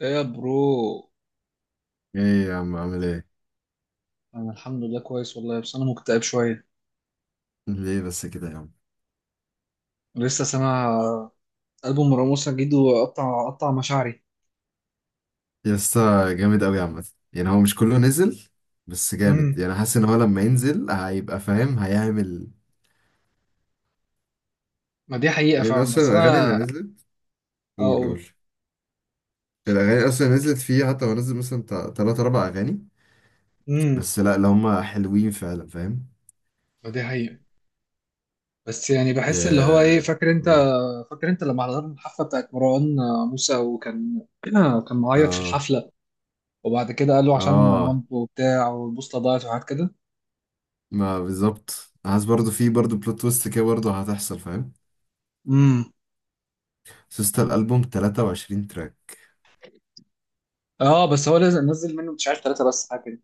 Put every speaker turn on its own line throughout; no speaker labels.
ايه يا برو.
ايه يا عم، عامل ايه؟
انا الحمد لله كويس والله، بس انا مكتئب شويه.
ليه بس كده يا عم؟
لسه سامع البوم راموس جديد وقطع قطع مشاعري.
يا اسطى جامد قوي عامه. يعني هو مش كله نزل بس جامد،
امم.
يعني حاسس ان هو لما ينزل هيبقى فاهم هيعمل.
ما دي حقيقه
لان
فعلا،
اصلا
بس
الاغاني اللي
انا
نزلت... قول
اقول.
قول الاغاني اصلا اللي نزلت فيه، حتى هو نزل مثلا بتاع تلات اربع اغاني
امم.
بس، لا اللي هم حلوين فعلا، فاهم؟
ما دي حقيقه. بس يعني بحس اللي هو ايه،
يا-
فاكر انت
قول.
فاكر انت لما حضرنا الحفله بتاعت مروان موسى، وكان معيط في
اه،
الحفله، وبعد كده قال له عشان
اه،
مامته وبتاع والبوصله ضاعت وحاجات كده.
ما بالظبط عايز برضو، في برضو بلوت تويست كده برضو هتحصل، فاهم؟
امم.
سوست الالبوم 23 تراك.
اه بس هو لازم نزل منه مش عارف ثلاثه بس حاجه كده.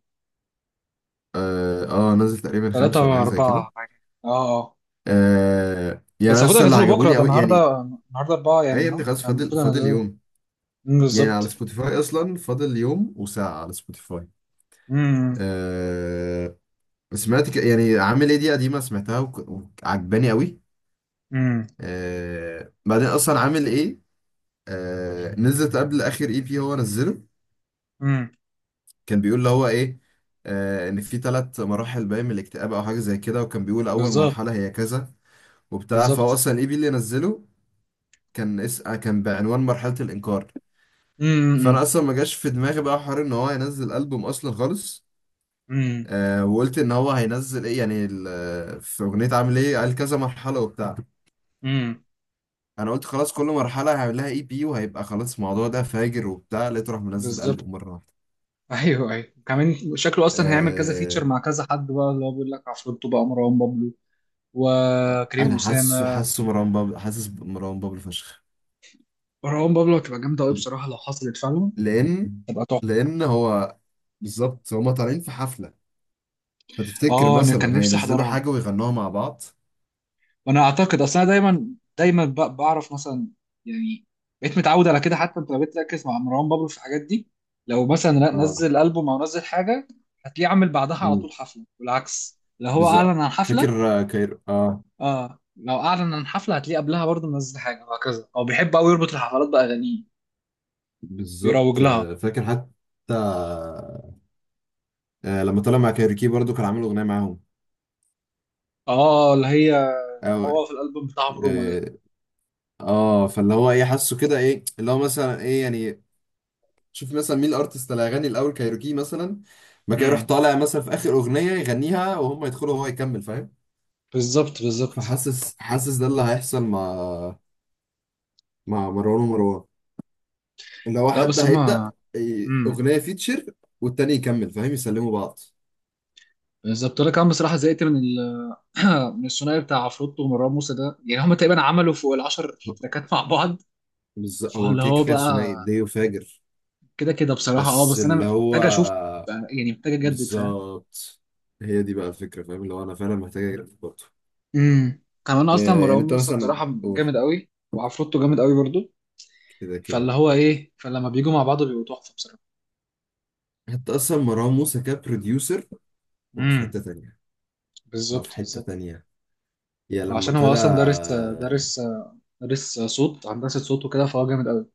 اه، آه، نزل تقريبا
ثلاثه
خمسة ولا حاجة زي كده.
واربعه حاجه، اه اه.
آه، يعني
بس
أنا
المفروض
لسه اللي
انزله بكره،
عجبوني
ده
قوي يعني.
النهارده اربعه
ايه
يعني
يا
اهو،
ابني، خلاص
يعني
فاضل
المفروض
فاضل
انزله.
يوم،
أمم،
يعني
بالظبط.
على سبوتيفاي اصلا فاضل يوم وساعة على سبوتيفاي.
امم.
آه، سمعت يعني عامل ايه دي قديمة، سمعتها وعجباني قوي.
امم.
آه، بعدين اصلا عامل ايه، آه، نزلت قبل اخر اي بي هو نزله.
امم.
كان بيقول اللي هو ايه، آه، ان في ثلاث مراحل باين من الاكتئاب او حاجة زي كده، وكان بيقول اول
بالظبط.
مرحلة هي كذا وبتاع. فهو
بالظبط.
اصلا الاي بي اللي نزله كان آه، كان بعنوان مرحلة الانكار. فانا
امم.
اصلا ما جاش في دماغي بقى حوار ان هو هينزل البوم اصلا خالص.
امم.
آه، وقلت ان هو هينزل ايه، يعني في اغنيه عامل ايه قال كذا مرحله وبتاع،
امم.
انا قلت خلاص كل مرحله هيعمل لها اي بي، وهيبقى خلاص الموضوع ده فاجر وبتاع، لقيته راح منزل
بالظبط.
البوم مره واحده.
ايوه ايوه، كمان شكله اصلا هيعمل كذا
آه.
فيتشر مع كذا حد، بقى اللي هو بيقول لك عفروتو بقى، مروان بابلو، وكريم
انا حاسه
اسامه.
حاسه مروان بابلو، حاسس مروان بابلو فشخ.
مروان بابلو هتبقى جامده قوي بصراحه لو حصلت فعلا،
لان
تبقى تحفه.
لان هو بالظبط هما طالعين في حفله، فتفتكر
اه انا كان
مثلا
نفسي
هينزلوا
احضرها.
حاجه ويغنوها مع بعض.
وانا اعتقد اصل انا دايما دايما بعرف مثلا، يعني بقيت متعود على كده. حتى انت لو بقيت تركز مع مروان بابلو في الحاجات دي، لو مثلا
اه.
نزل البوم او نزل حاجه هتلاقيه عامل بعدها على
امم،
طول حفله، والعكس لو هو
بالظبط.
اعلن عن حفله.
فاكر آه، كايرو. اه،
اه لو اعلن عن حفله هتلاقيه قبلها برضه منزل حاجه، وهكذا. هو بيحب قوي يربط الحفلات باغانيه، بيروج
بالظبط.
لها.
آه، فاكر حتى آه، لما طلع مع كايروكي برضو كان عامل اغنيه معاهم.
اه اللي هي
او
هو في الالبوم بتاعهم روما ده.
اه. آه، فاللي هو ايه، حاسه كده ايه اللي هو مثلا ايه يعني، شوف مثلا مين الارتست اللي هيغني الاول، كايروكي مثلا ما كان يروح
امم.
طالع مثلا في اخر اغنيه يغنيها، وهم يدخلوا وهو يكمل، فاهم؟
بالظبط، بالظبط.
فحاسس ده اللي هيحصل مع مروان، اللي هو
لا
حد
بس هما.
هيبدا إيه،
امم.
اغنيه فيتشر، والتاني يكمل، فاهم؟ يسلموا بعض.
بالظبط. انا كمان بصراحه زهقت من من الثنائي بتاع عفروتو ومروان موسى ده، يعني هم تقريبا عملوا فوق العشر تراكات مع بعض.
بالظبط. هو
فاللي هو
كيكه ثنائي
بقى
ديو فاجر.
كده كده بصراحة، اه
بس
بس انا
اللي هو
محتاج اشوف يعني محتاج اجدد، فاهم.
بالظبط، هي دي بقى الفكرة، فاهم؟ اللي هو أنا فعلا محتاج أجرب برضه.
امم. كمان اصلا
يعني
مروان
أنت
موسى
مثلا
بصراحة
قول.
جامد قوي، وعفروتو جامد قوي برضو،
كده كده.
فاللي هو ايه، فلما بيجوا مع بعض بيبقوا تحفة بصراحة.
حتى أصلا مروان موسى كبروديوسر، هو في
امم.
حتة تانية، هو في
بالظبط،
حتة
بالظبط.
تانية. يا لما
عشان هو
طلع
اصلا دارس. دارس دارس صوت، هندسة صوت، وكده فهو جامد قوي.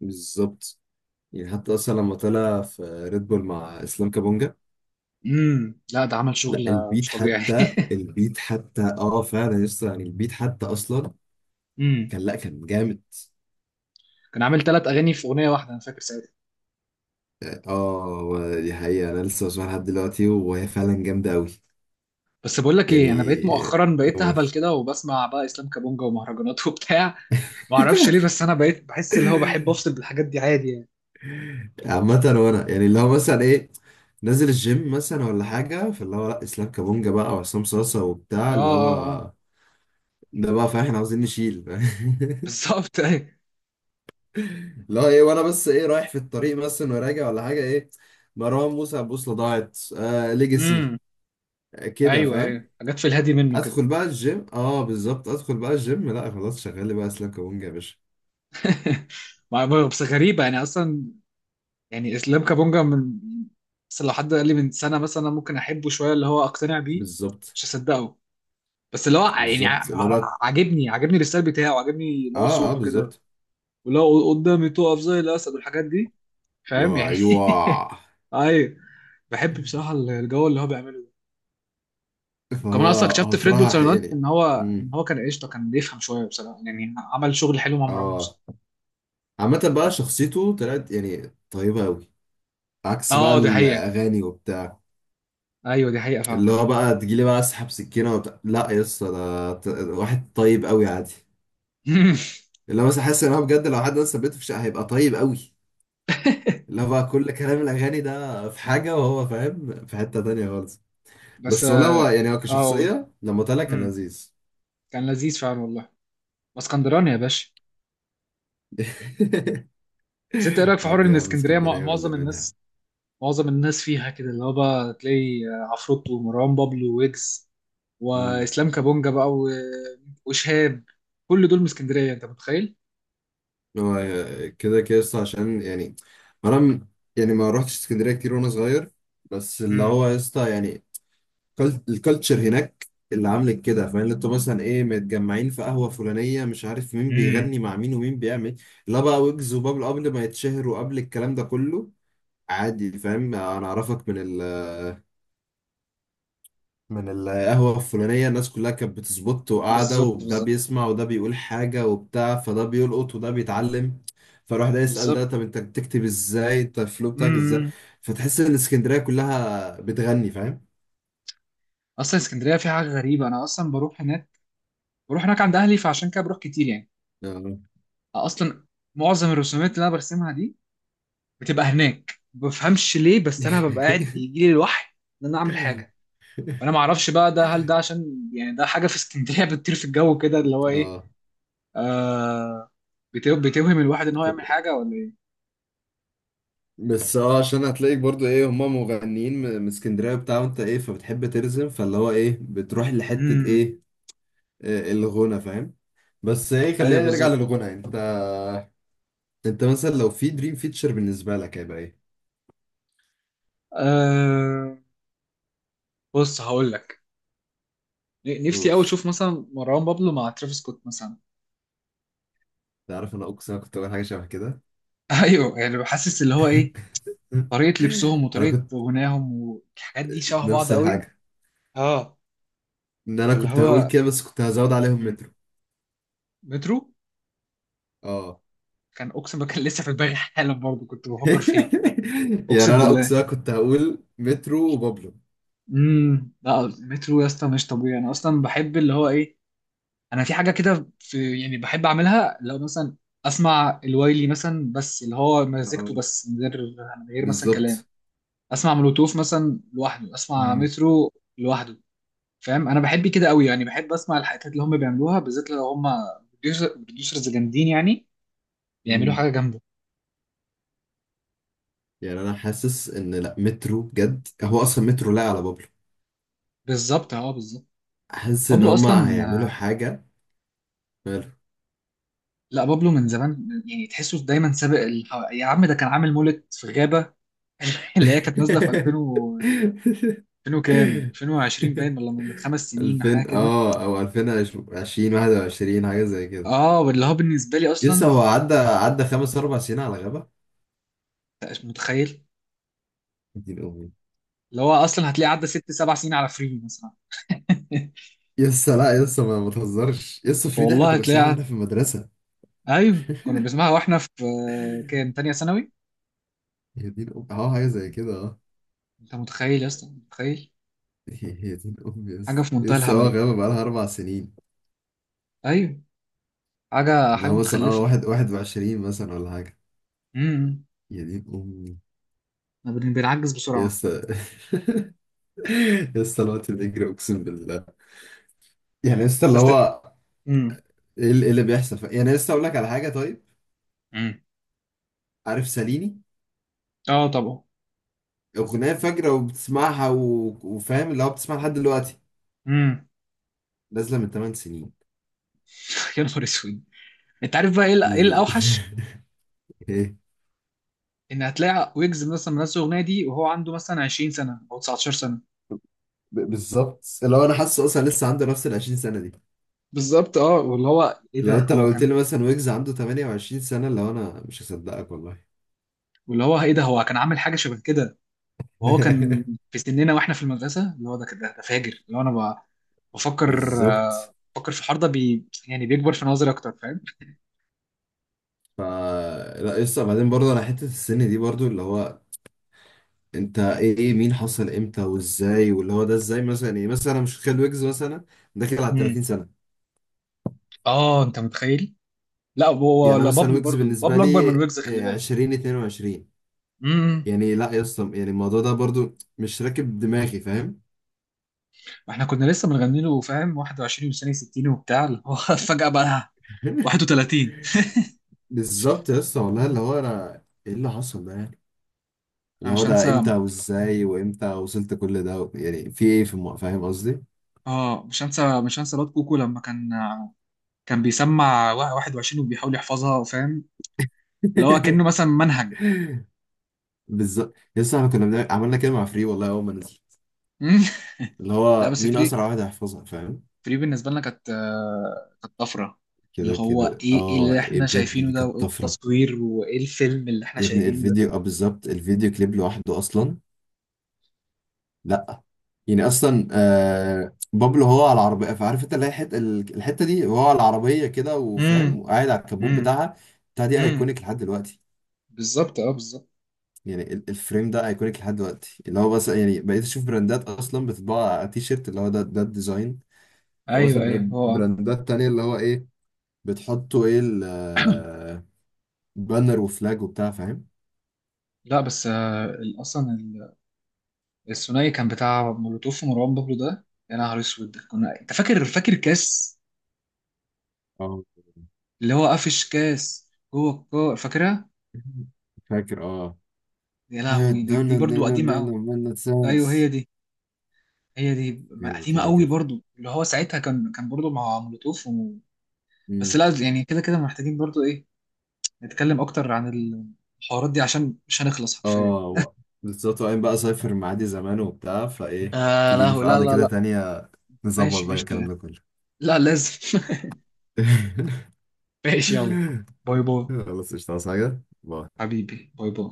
بالظبط، يعني حتى أصلا لما طلع في ريد بول مع إسلام كابونجا،
امم. لا ده عمل شغل
لا البيت
مش طبيعي.
حتى، البيت حتى، اه فعلا لسه يعني البيت حتى أصلا
امم.
كان، لا كان جامد.
كان عامل ثلاث اغاني في اغنية واحدة، انا فاكر ساعتها.
اه، هو دي حقيقة، أنا لسه بسمعها لحد دلوقتي وهي فعلا جامدة أوي.
بس بقول لك ايه،
يعني
انا بقيت مؤخرا بقيت
قول.
اهبل كده وبسمع بقى اسلام كابونجا ومهرجانات وبتاع. ما اعرفش ليه، بس انا بقيت بحس اللي هو بحب افصل بالحاجات دي عادي يعني.
عامة، وانا يعني اللي هو مثلا ايه، نازل الجيم مثلا ولا حاجة، فاللي هو لا اسلام كابونجا بقى وعصام صاصة وبتاع،
اه
اللي
اه اه.
هو ده بقى، فاهم؟ احنا عاوزين نشيل.
بالظبط، ايوه.
اللي هو ايه، وانا بس ايه، رايح في الطريق مثلا وراجع ولا حاجة، ايه، مروان موسى، البوصلة ضاعت، آه، ليجاسي،
امم.
آه، كده،
ايوه
فاهم؟
ايوه، حاجات في الهادي منه كده.
ادخل بقى الجيم. اه بالظبط. ادخل بقى الجيم، لا خلاص، شغال لي بقى اسلام كابونجا يا باشا.
بس غريبه يعني اصلا، يعني اسلام كابونجا من، بس لو حد قال لي من سنه مثلا أنا ممكن احبه شويه، اللي هو اقتنع بيه،
بالظبط
مش هصدقه. بس اللي هو
بالظبط. اللي هو بقى
عاجبني، عاجبني الستايل بتاعه، عاجبني اللي هو
اه، اه،
صوته كده،
بالظبط.
واللي هو قدامي تقف زي الاسد والحاجات دي،
اللي
فاهم
هو
يعني.
ايوه.
ايوه. بحب بصراحه الجو اللي هو بيعمله. ده
فهو
كمان اصلا
هو
اكتشفت في ريد بول
بصراحة
سايونات ان
يعني،
هو، ان
امم،
هو كان قشطه، كان بيفهم شويه بصراحه، يعني عمل شغل حلو مع مروان
اه،
موسى.
عامة بقى شخصيته طلعت يعني طيبة أوي عكس بقى
اه دي حقيقه.
الأغاني وبتاع.
ايوه دي حقيقه فعلا.
اللي هو بقى تجيلي بقى أسحب سكينة وبتاع، لا يا اسطى ده واحد طيب أوي عادي. اللي هو مثلا حاسس إن هو بجد لو حد مثلا بيته في شقة هيبقى طيب أوي. اللي هو بقى كل كلام الأغاني ده في حاجة، وهو فاهم في حتة تانية خالص.
بس
بس والله هو
اه
يعني هو
آه،
كشخصية لما طلع كان
أمم،
لذيذ.
كان لذيذ فعلا والله. اسكندراني يا باشا. بس انت ايه رايك في حوار
ودي
ان
يا عم
اسكندريه
اسكندرية، واللي
معظم الناس، معظم الناس فيها كده. اللي هو بقى تلاقي عفروت ومروان بابلو ويجز
منها.
واسلام كابونجا بقى، وشهاب، كل دول من اسكندريه، انت متخيل.
هو كده كده يسطا، عشان يعني ما انا م- يعني ما روحتش اسكندريه كتير وانا صغير، بس اللي
امم.
هو يسطا يعني الكالتشر هناك اللي عامل كده، فاهم؟ اللي انتوا مثلا ايه متجمعين في قهوه فلانيه، مش عارف مين
امم.
بيغني مع مين، ومين بيعمل لا بقى ويجز وبابل قبل ما يتشهروا قبل الكلام ده كله. عادي، فاهم؟ انا اعرفك من من القهوة الفلانية، الناس كلها كانت بتظبط وقاعدة،
بالظبط،
وده
بالظبط،
بيسمع وده بيقول حاجة وبتاع، فده بيلقط وده بيتعلم. فالواحد ده يسأل ده،
بالظبط.
طب انت بتكتب ازاي، انت الفلو بتاعك ازاي.
امم.
فتحس ان اسكندرية كلها بتغني، فاهم؟
اصلا اسكندريه في حاجه غريبه. انا اصلا بروح هناك، بروح هناك عند اهلي، فعشان كده بروح كتير يعني.
اه.
اصلا معظم الرسومات اللي انا برسمها دي بتبقى هناك. ما بفهمش ليه، بس انا ببقى قاعد يجي لي الوحي ان انا اعمل حاجه. فانا ما اعرفش بقى، ده هل ده عشان يعني ده حاجه في اسكندريه بتطير في الجو كده، اللي هو ايه،
اه.
آه بتوهم الواحد ان هو يعمل
كل-
حاجه، ولا ايه.
بس اه عشان هتلاقيك برضو ايه، هما مغنيين من من اسكندرية وبتاع، وانت ايه فبتحب ترزم، فاللي هو ايه بتروح لحتة
امم.
ايه، آه، الغنى، فاهم؟ بس ايه خلينا
ايوه
نرجع
بالظبط.
للغنى يعني. انت مثلا لو في دريم فيتشر بالنسبه لك هيبقى ايه؟
آه بص هقول لك، نفسي
قول.
قوي اشوف مثلا مروان بابلو مع ترافيس سكوت مثلا.
تعرف انا اقسم انا كنت اقول حاجه شبه كده.
ايوه، يعني بحسس اللي هو ايه، طريقه لبسهم
انا
وطريقه
كنت
غناهم والحاجات دي شبه بعض
نفس
قوي.
الحاجه،
اه
ان انا
فاللي
كنت هقول
هو
كده، بس كنت هزود عليهم
مم.
مترو.
مترو.
اه.
كان اقسم بالله، كان لسه في دماغي حالا، برضه كنت بفكر فيه.
يعني
اقسم
انا
بالله.
اقسم انا كنت هقول مترو وبابلو.
امم. لا مترو يا اسطى مش طبيعي. انا اصلا بحب اللي هو ايه، انا في حاجه كده في يعني بحب اعملها، لو مثلا اسمع الوايلي مثلا بس اللي هو مزيكته،
اه
بس من غير، من غير مثلا كلام،
بالظبط.
اسمع مولوتوف مثلا لوحده، اسمع
مم.
مترو لوحده، فاهم. انا بحب كده قوي يعني، بحب اسمع الحاجات اللي هم بيعملوها بالذات لو هم بروديوسرز جامدين يعني بيعملوا
مم.
حاجه جامده.
يعني انا حاسس ان لا مترو بجد، هو اصلا مترو لا على بابلو.
بالظبط، اه بالظبط.
حاسس ان
بابلو
هما
اصلا.
هيعملوا حاجه. ماله.
لا بابلو من زمان يعني، تحسه دايما سابق الح... يا عم ده كان عامل مولد في غابه. اللي هي كانت نازله في 2000 وكام، 2020 باين، ولا من خمس سنين حاجه
2000
كده.
اه او 2020، 21 حاجه زي كده.
اه واللي هو بالنسبه لي
لسه
اصلا
هو عدى عدى خمس اربع سنين على غابه.
مش متخيل،
دين امي.
اللي هو اصلا هتلاقيه عدى ست سبع سنين على فري مثلا.
لسه، لا لسه، ما تهزرش، لسه فريد احنا
والله
كنا بنسمعها
هتلاقيها.
واحنا في المدرسه.
ايوه كنا بنسمعها واحنا في، كان تانية ثانوي.
يا دين امي، اه حاجه زي كده، اه.
انت متخيل يا اسطى، متخيل؟
يا دين امي،
حاجه
لسه
في منتهى
لسه اه
الهبل.
غابه بقالها اربع سنين.
ايوه حاجه
اللي
حاجه
هو مثلا اه،
متخلفه.
واحد واحد وعشرين مثلا ولا حاجه.
امم.
يا دين امي،
بنعجز بسرعه.
لسه لسه. الوقت بيجري اقسم بالله، يعني لسه اللي
بس.
هو
امم.
ايه اللي إيه اللي بيحصل؟ يعني لسه اقول لك على حاجه، طيب
امم.
عارف ساليني؟
اه طبعا.
أغنية فجرة وبتسمعها و... وفاهم اللي هو بتسمعها لحد دلوقتي،
امم.
نازلة من 8 سنين.
يا نهار اسود. انت عارف بقى ايه إيه
ال-
الاوحش،
ايه.
ان هتلاقي ويجز مثلا منزل الاغنيه دي وهو عنده مثلا 20 سنه او 19 سنه.
بالظبط. اللي هو انا حاسه اصلا لسه عنده نفس ال 20 سنة دي.
بالظبط اه. واللي هو ايه
لو
ده
انت لو
هو
قلت
كان
لي مثلا ويجز عنده 28 سنة، اللي هو انا مش هصدقك والله.
واللي هو ايه ده هو كان عامل حاجه شبه كده وهو كان في سننا واحنا في المدرسه، اللي هو ده كده ده فاجر، اللي هو انا بفكر،
بالظبط.
بفكر في الحوار ده، بي يعني بيكبر في نظري اكتر، فاهم.
ف، لا لسه بعدين برضه انا حتة السن دي برضه، اللي هو انت ايه، مين حصل امتى وازاي، واللي هو ده ازاي مثلا، ايه مثلا انا مش متخيل ويجز مثلا داخل على
امم.
30 سنة.
اه انت متخيل.
يعني انا
لا
مثلا
بابلو
ويجز
برضو،
بالنسبة
بابلو اكبر من
لي
ويجز، خلي
آه،
بالك.
عشرين اتنين وعشرين.
امم.
يعني لا يا اسطى يعني الموضوع ده برضو مش راكب دماغي، فاهم؟
احنا كنا لسه بنغني له، فاهم، 21 وسنه 60 وبتاع، اللي هو فجاه بقى 31.
بالظبط يا اسطى والله اللي هو انا، ايه اللي حصل ده يعني،
انا
اللي هو
مش
ده
هنسى،
امتى وازاي، وامتى وصلت كل ده يعني، في ايه في فاهم قصدي؟
اه، مش هنسى الواد كوكو لما كان بيسمع 21 وبيحاول يحفظها، فاهم، اللي هو كأنه مثلا منهج.
بالظبط يا اسطى، احنا كنا عملنا كده مع فري والله اول ما نزلت،
مم.
اللي
لا
هو
بس
مين
فري
اسرع واحد هيحفظها، فاهم؟
فري بالنسبة لنا كانت، كانت طفرة، اللي
كده
هو
كده
ايه، ايه
اه،
اللي
ايه
احنا
بجد
شايفينه
دي
ده،
كانت
وايه
طفره.
التصوير وايه الفيلم اللي احنا
يا ابني
شايفينه ده.
الفيديو، اه بالظبط الفيديو كليب لوحده اصلا. لا يعني اصلا آه، بابلو هو على العربيه، فعارف انت اللي هي الحته، الحته دي هو على العربيه كده،
امم.
وفاهم وقاعد على الكبوت
امم.
بتاعها بتاع دي
امم.
ايكونيك لحد دلوقتي.
بالظبط، اه بالظبط.
يعني الفريم ده ايكونيك لحد دلوقتي، اللي هو بس يعني بقيت اشوف براندات اصلا بتطبع على تي شيرت، اللي هو ده ده الديزاين. او
ايوه
مثلا
ايوه هو.
براندات تانية، اللي هو ايه بتحطوا ايه، البانر وفلاج وبتاع، فاهم؟
لا بس الثنائي كان بتاع مولوتوف ومروان بابلو ده، يا نهار اسود. كنا انت فاكر، فاكر كاس،
اه
اللي هو قفش كاس جوه الكو، فاكرها؟
فاكر اه.
يا
I
لهوي، دي, دي برضو قديمة
don't
قوي.
know when it
ايوه
says.
هي دي، هي دي
كده
قديمة
كده
قوي
كده.
برضو. اللي هو ساعتها كان، كان برضو مع مولوتوف. بس لا يعني كده كده محتاجين برضو ايه، نتكلم اكتر عن الحوارات دي عشان مش هنخلص حرفيا.
اه بالظبط. وبعدين بقى اسافر معادي زمان وبتاع، فايه
آه
تيجي
لا
لي في
لا،
قعده
لا،
كده
لا.
تانية نظبط
ماشي
بقى
ماشي.
الكلام ده كله.
لا لازم. ماشي، يلا، باي باي.
خلاص قشطة، عايز حاجة؟ باي.
حبيبي، باي باي.